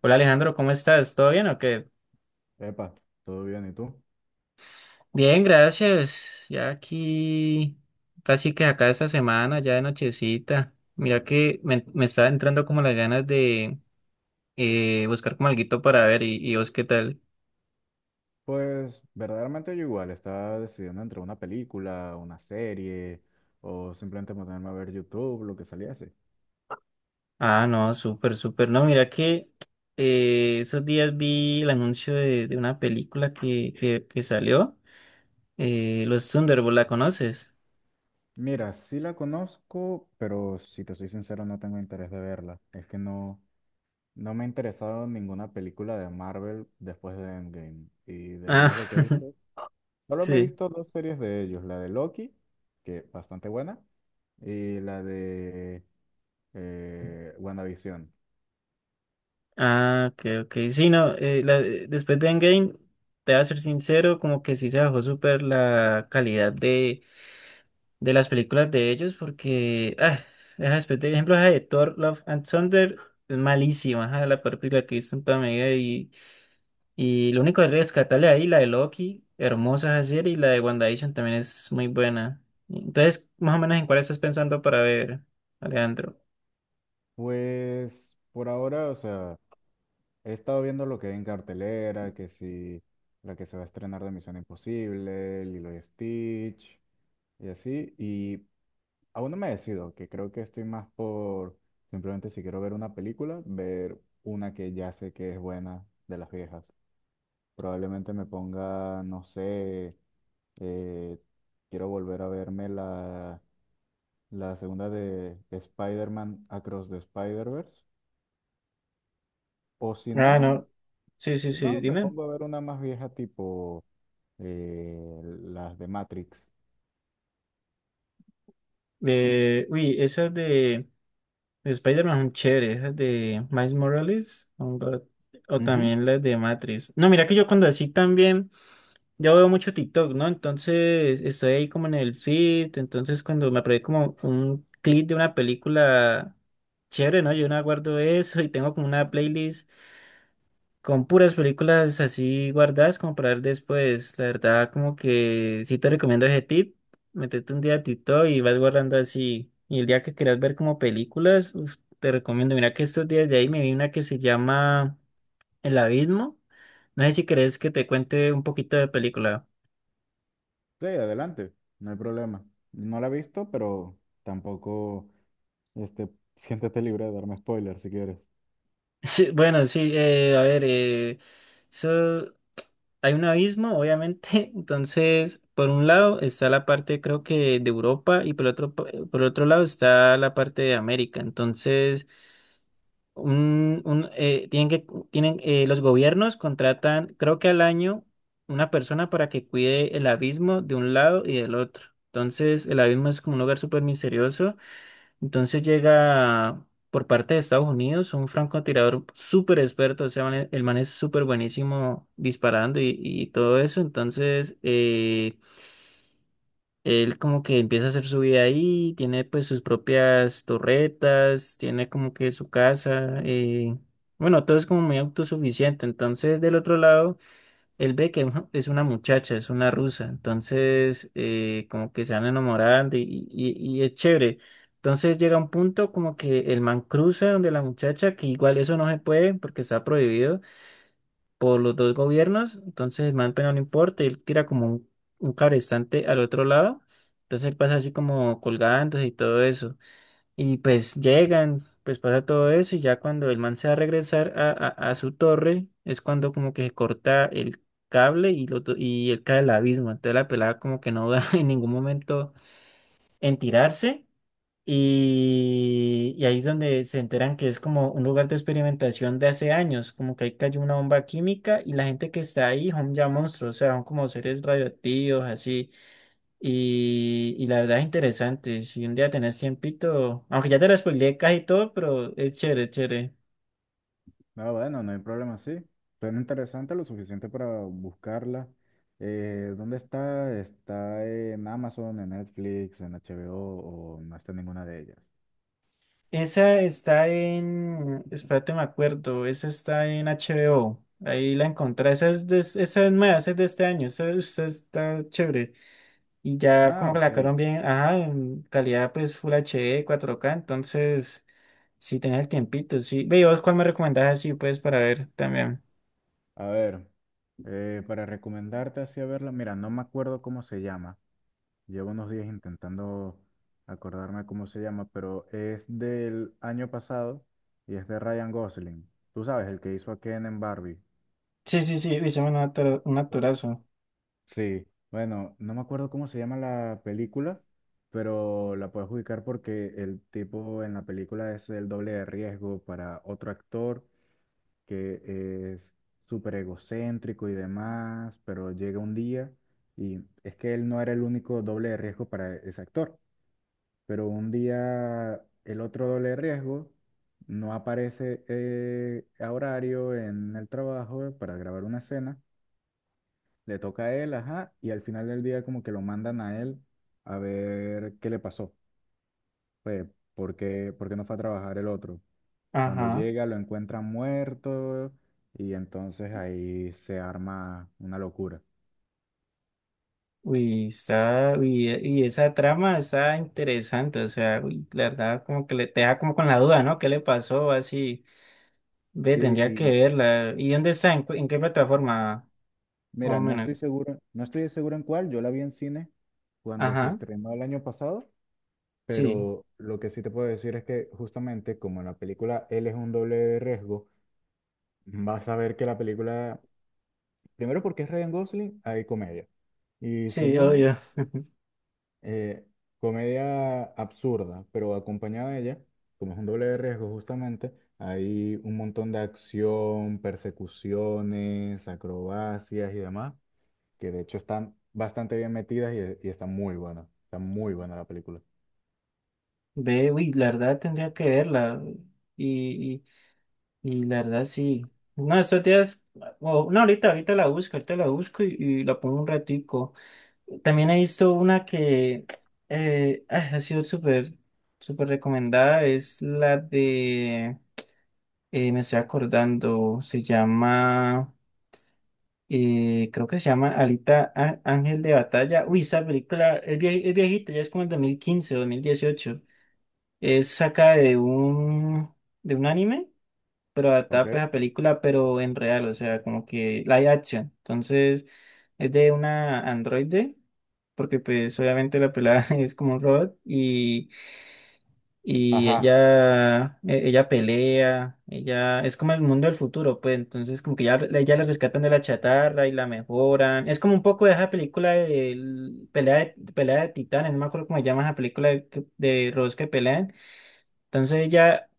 Hola Alejandro, ¿cómo estás? ¿Todo bien o qué? Epa, ¿todo bien? ¿Y tú? Bien, gracias. Ya aquí, casi que acá esta semana, ya de nochecita. Mira que me está entrando como las ganas de buscar como alguito para ver, y vos qué tal. Pues verdaderamente yo igual estaba decidiendo entre una película, una serie o simplemente ponerme a ver YouTube, lo que saliese. Ah, no, súper, súper. No, mira que esos días vi el anuncio de una película que salió, Los Thunderbolts, ¿la conoces? Mira, sí la conozco, pero si te soy sincero no tengo interés de verla. Es que no, no me ha interesado ninguna película de Marvel después de Endgame. Y de Ah, ellos lo que he visto, solo me he Sí. visto dos series de ellos, la de Loki, que bastante buena, y la de WandaVision. Ah, ok, ok. Sí, no, después de Endgame, te voy a ser sincero, como que sí se bajó súper la calidad de las películas de ellos, porque, ah, esa después de ejemplo, ajá, de Thor, Love and Thunder, es malísima, ajá, la peor película que he visto en toda mi vida, y lo único que rescatarle ahí, la de Loki, hermosa esa serie, y la de WandaVision también es muy buena. Entonces, más o menos, ¿en cuál estás pensando para ver, Alejandro? Pues por ahora, o sea, he estado viendo lo que hay en cartelera, que si la que se va a estrenar de Misión Imposible, Lilo y Stitch, y así, y aún no me decido, que creo que estoy más por simplemente si quiero ver una película, ver una que ya sé que es buena de las viejas. Probablemente me ponga, no sé, eh, quiero volver a verme la segunda de Spider-Man Across the Spider-Verse. O si Ah, no, no. Sí, sí, Si sí, no, me dime. pongo a ver una más vieja tipo las de Matrix. Uy, esas de Spider-Man son chéveres, esas de Miles Morales son God, o Ujú. también las de Matrix. No, mira que yo cuando así también, yo veo mucho TikTok, ¿no? Entonces estoy ahí como en el feed, entonces cuando me aparece como un clip de una película chévere, ¿no? Yo no guardo eso y tengo como una playlist con puras películas así guardadas como para ver después. La verdad, como que sí te recomiendo ese tip. Métete un día a TikTok y vas guardando así. Y el día que quieras ver como películas, uf, te recomiendo. Mira que estos días de ahí me vi una que se llama El Abismo. No sé si querés que te cuente un poquito de película. Sí, adelante, no hay problema. No la he visto, pero tampoco, este, siéntete libre de darme spoilers si quieres. Sí, bueno, sí, a ver, eso, hay un abismo, obviamente, entonces, por un lado está la parte, creo que, de Europa, y por otro, por otro lado está la parte de América. Entonces, tienen, los gobiernos contratan, creo que al año, una persona para que cuide el abismo de un lado y del otro. Entonces, el abismo es como un lugar súper misterioso. Entonces llega por parte de Estados Unidos un francotirador súper experto, o sea, el man es súper buenísimo disparando, y todo eso. Entonces, él como que empieza a hacer su vida ahí, tiene pues sus propias torretas, tiene como que su casa, bueno, todo es como muy autosuficiente. Entonces, del otro lado, El Beckham, ¿no? Es una muchacha, es una rusa. Entonces como que se van enamorando, y- y es chévere. Entonces llega un punto como que el man cruza donde la muchacha, que igual eso no se puede porque está prohibido por los dos gobiernos. Entonces el man pero no importa, él tira como un cabrestante al otro lado, entonces él pasa así como colgándose y todo eso. Y pues llegan, pues pasa todo eso, y ya cuando el man se va a regresar a su torre es cuando como que se corta el cable, y él cae al abismo. Entonces la pelada como que no da en ningún momento en tirarse, y ahí es donde se enteran que es como un lugar de experimentación de hace años, como que ahí cayó una bomba química y la gente que está ahí son ya monstruos, o sea, son como seres radioactivos así. Y la verdad es interesante. Si un día tenés tiempito, aunque ya te lo spoileé casi todo, pero es chévere, es chévere. No, bueno, no hay problema, sí. Suena interesante lo suficiente para buscarla. ¿Dónde está? ¿Está en Amazon, en Netflix, en HBO o no está en ninguna de ellas? Esa está en, espérate, me acuerdo. Esa está en HBO. Ahí la encontré. Esa es, esa es nueva, esa es de este año. Esa está chévere. Y ya Ah, como que la ok. sacaron bien. Ajá, en calidad pues Full HD, 4K. Entonces, si tenés el tiempito, sí. Ve, ¿y vos cuál me recomendás así, pues, para ver también? A ver, para recomendarte así a verla, mira, no me acuerdo cómo se llama. Llevo unos días intentando acordarme cómo se llama, pero es del año pasado y es de Ryan Gosling. Tú sabes, el que hizo a Ken en Barbie. Sí, sí, sí. Hicimos un un Bu- actorazo. Sí, bueno, no me acuerdo cómo se llama la película, pero la puedes ubicar porque el tipo en la película es el doble de riesgo para otro actor que es súper egocéntrico y demás, pero llega un día y es que él no era el único doble de riesgo para ese actor. Pero un día el otro doble riesgo no aparece a horario en el trabajo para grabar una escena, le toca a él, ajá, y al final del día como que lo mandan a él a ver qué le pasó, pues, ¿por qué no fue a trabajar el otro? Cuando Ajá. llega lo encuentran muerto y entonces ahí se arma una locura. Uy, está, uy, y esa trama está interesante, o sea, uy, la verdad como que le te deja como con la duda, ¿no? ¿Qué le pasó? Así, ve, Sí, tendría que y verla. ¿Y dónde está? ¿En qué plataforma? Más mira, o no menos. estoy seguro, no estoy seguro en cuál, yo la vi en cine cuando se Ajá, estrenó el año pasado. sí, Pero lo que sí te puedo decir es que justamente como en la película él es un doble de riesgo, vas a ver que la película, primero porque es Ryan Gosling, hay comedia. Y sí, segundo, obvio. eh, comedia absurda, pero acompañada de ella, como es un doble de riesgo justamente, hay un montón de acción, persecuciones, acrobacias y demás, que de hecho están bastante bien metidas y están muy buena Está muy buena la película. Ve, uy, la verdad tendría que verla. Y, y la verdad sí. No, estos días, no, ahorita, ahorita la busco, y la pongo un ratico. También he visto una que ha sido súper, súper recomendada. Es me estoy acordando, se llama, creo que se llama Alita, Ángel de Batalla. Uy, esa película es, es viejita, ya es como el dos 2015, 2018. Es de un anime, pero ¿Ok? adaptada pues a película, pero en real, o sea, como que live action. Entonces, es de una androide porque pues obviamente la pelada es como un robot, y, y Ajá. ella, e- ella pelea, ella es como el mundo del futuro, pues entonces como que ya, ya la rescatan de la chatarra y la mejoran. Es como un poco de esa película de pelea pelea de titanes, no me acuerdo cómo se llama esa película de robots que pelean. Entonces ella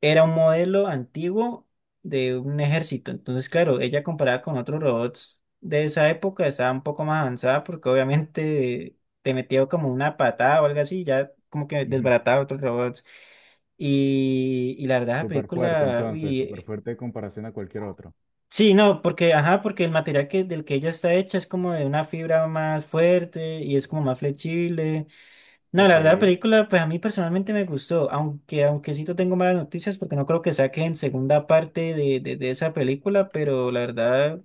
era un modelo antiguo de un ejército. Entonces, claro, ella comparada con otros robots de esa época estaba un poco más avanzada porque obviamente te metía como una patada o algo así, ya como que Ujú. desbarataba a otros robots. Y la verdad, la Súper fuerte, película, entonces, súper uy, fuerte en comparación a cualquier otro. sí, no, porque, ajá, porque el material del que ella está hecha es como de una fibra más fuerte y es como más flexible. No, la Ok, verdad, la película, pues a mí personalmente me gustó, aunque sí te tengo malas noticias porque no creo que saquen segunda parte de esa película, pero la verdad,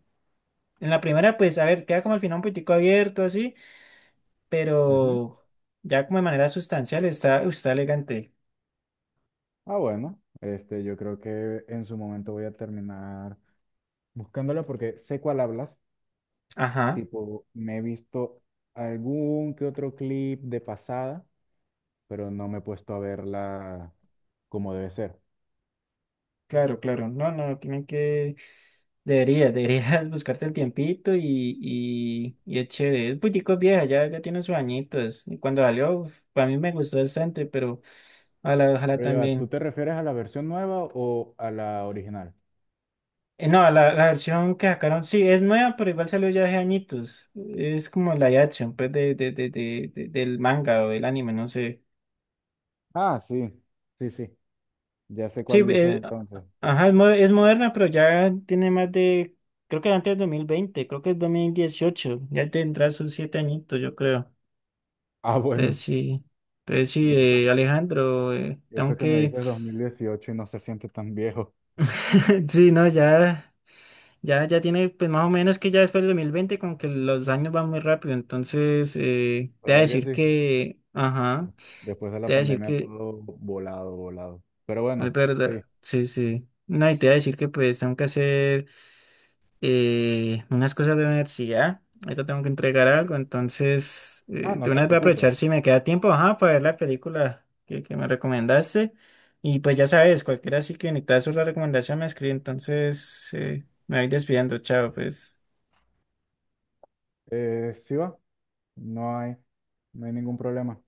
en la primera, pues a ver, queda como al final un poquitico abierto así, ujú. pero ya como de manera sustancial está, está elegante. Ah, bueno, este, yo creo que en su momento voy a terminar buscándolo porque sé cuál hablas. Ajá, Tipo, me he visto algún que otro clip de pasada, pero no me he puesto a verla como debe ser. claro, claro, no, no, deberías buscarte el tiempito, y es chévere, es un poquitico vieja, ya, tiene sus añitos, y cuando salió, uf, para mí me gustó bastante, pero ojalá, ojalá Pero ya, va, ¿tú también. te refieres a la versión nueva o a la original? No, la versión que sacaron, sí, es nueva, pero igual salió ya hace añitos. Es como la live action, pues, del manga o del anime, no sé. Ah, sí, sí, sí. Ya sé Sí, cuál dices entonces. ajá, es moderna, pero ya tiene más creo que antes de 2020, creo que es 2018, ya tendrá sus 7 añitos, yo creo. Ah, Entonces bueno. sí, entonces sí, Eso. Alejandro, Y tengo eso que me que, dices 2018 y no se siente tan viejo. sí, no, ya. Ya tiene, pues más o menos que ya después del 2020 como que los años van muy rápido. Entonces, ¿Verdad que sí? Después de te la voy a decir pandemia que, todo volado, volado. Pero es bueno, sí. verdad, sí, sí. No, y te voy a decir que pues tengo que hacer unas cosas de la universidad. Ahorita tengo que entregar algo, entonces, Ah, de no te una vez voy a preocupes. aprovechar si me queda tiempo, ajá, para ver la película que me recomendaste. Y pues ya sabes, cualquiera así que necesitas una recomendación me escribe, entonces, me voy despidiendo, chao, pues. Sí va. No hay, no hay ningún problema.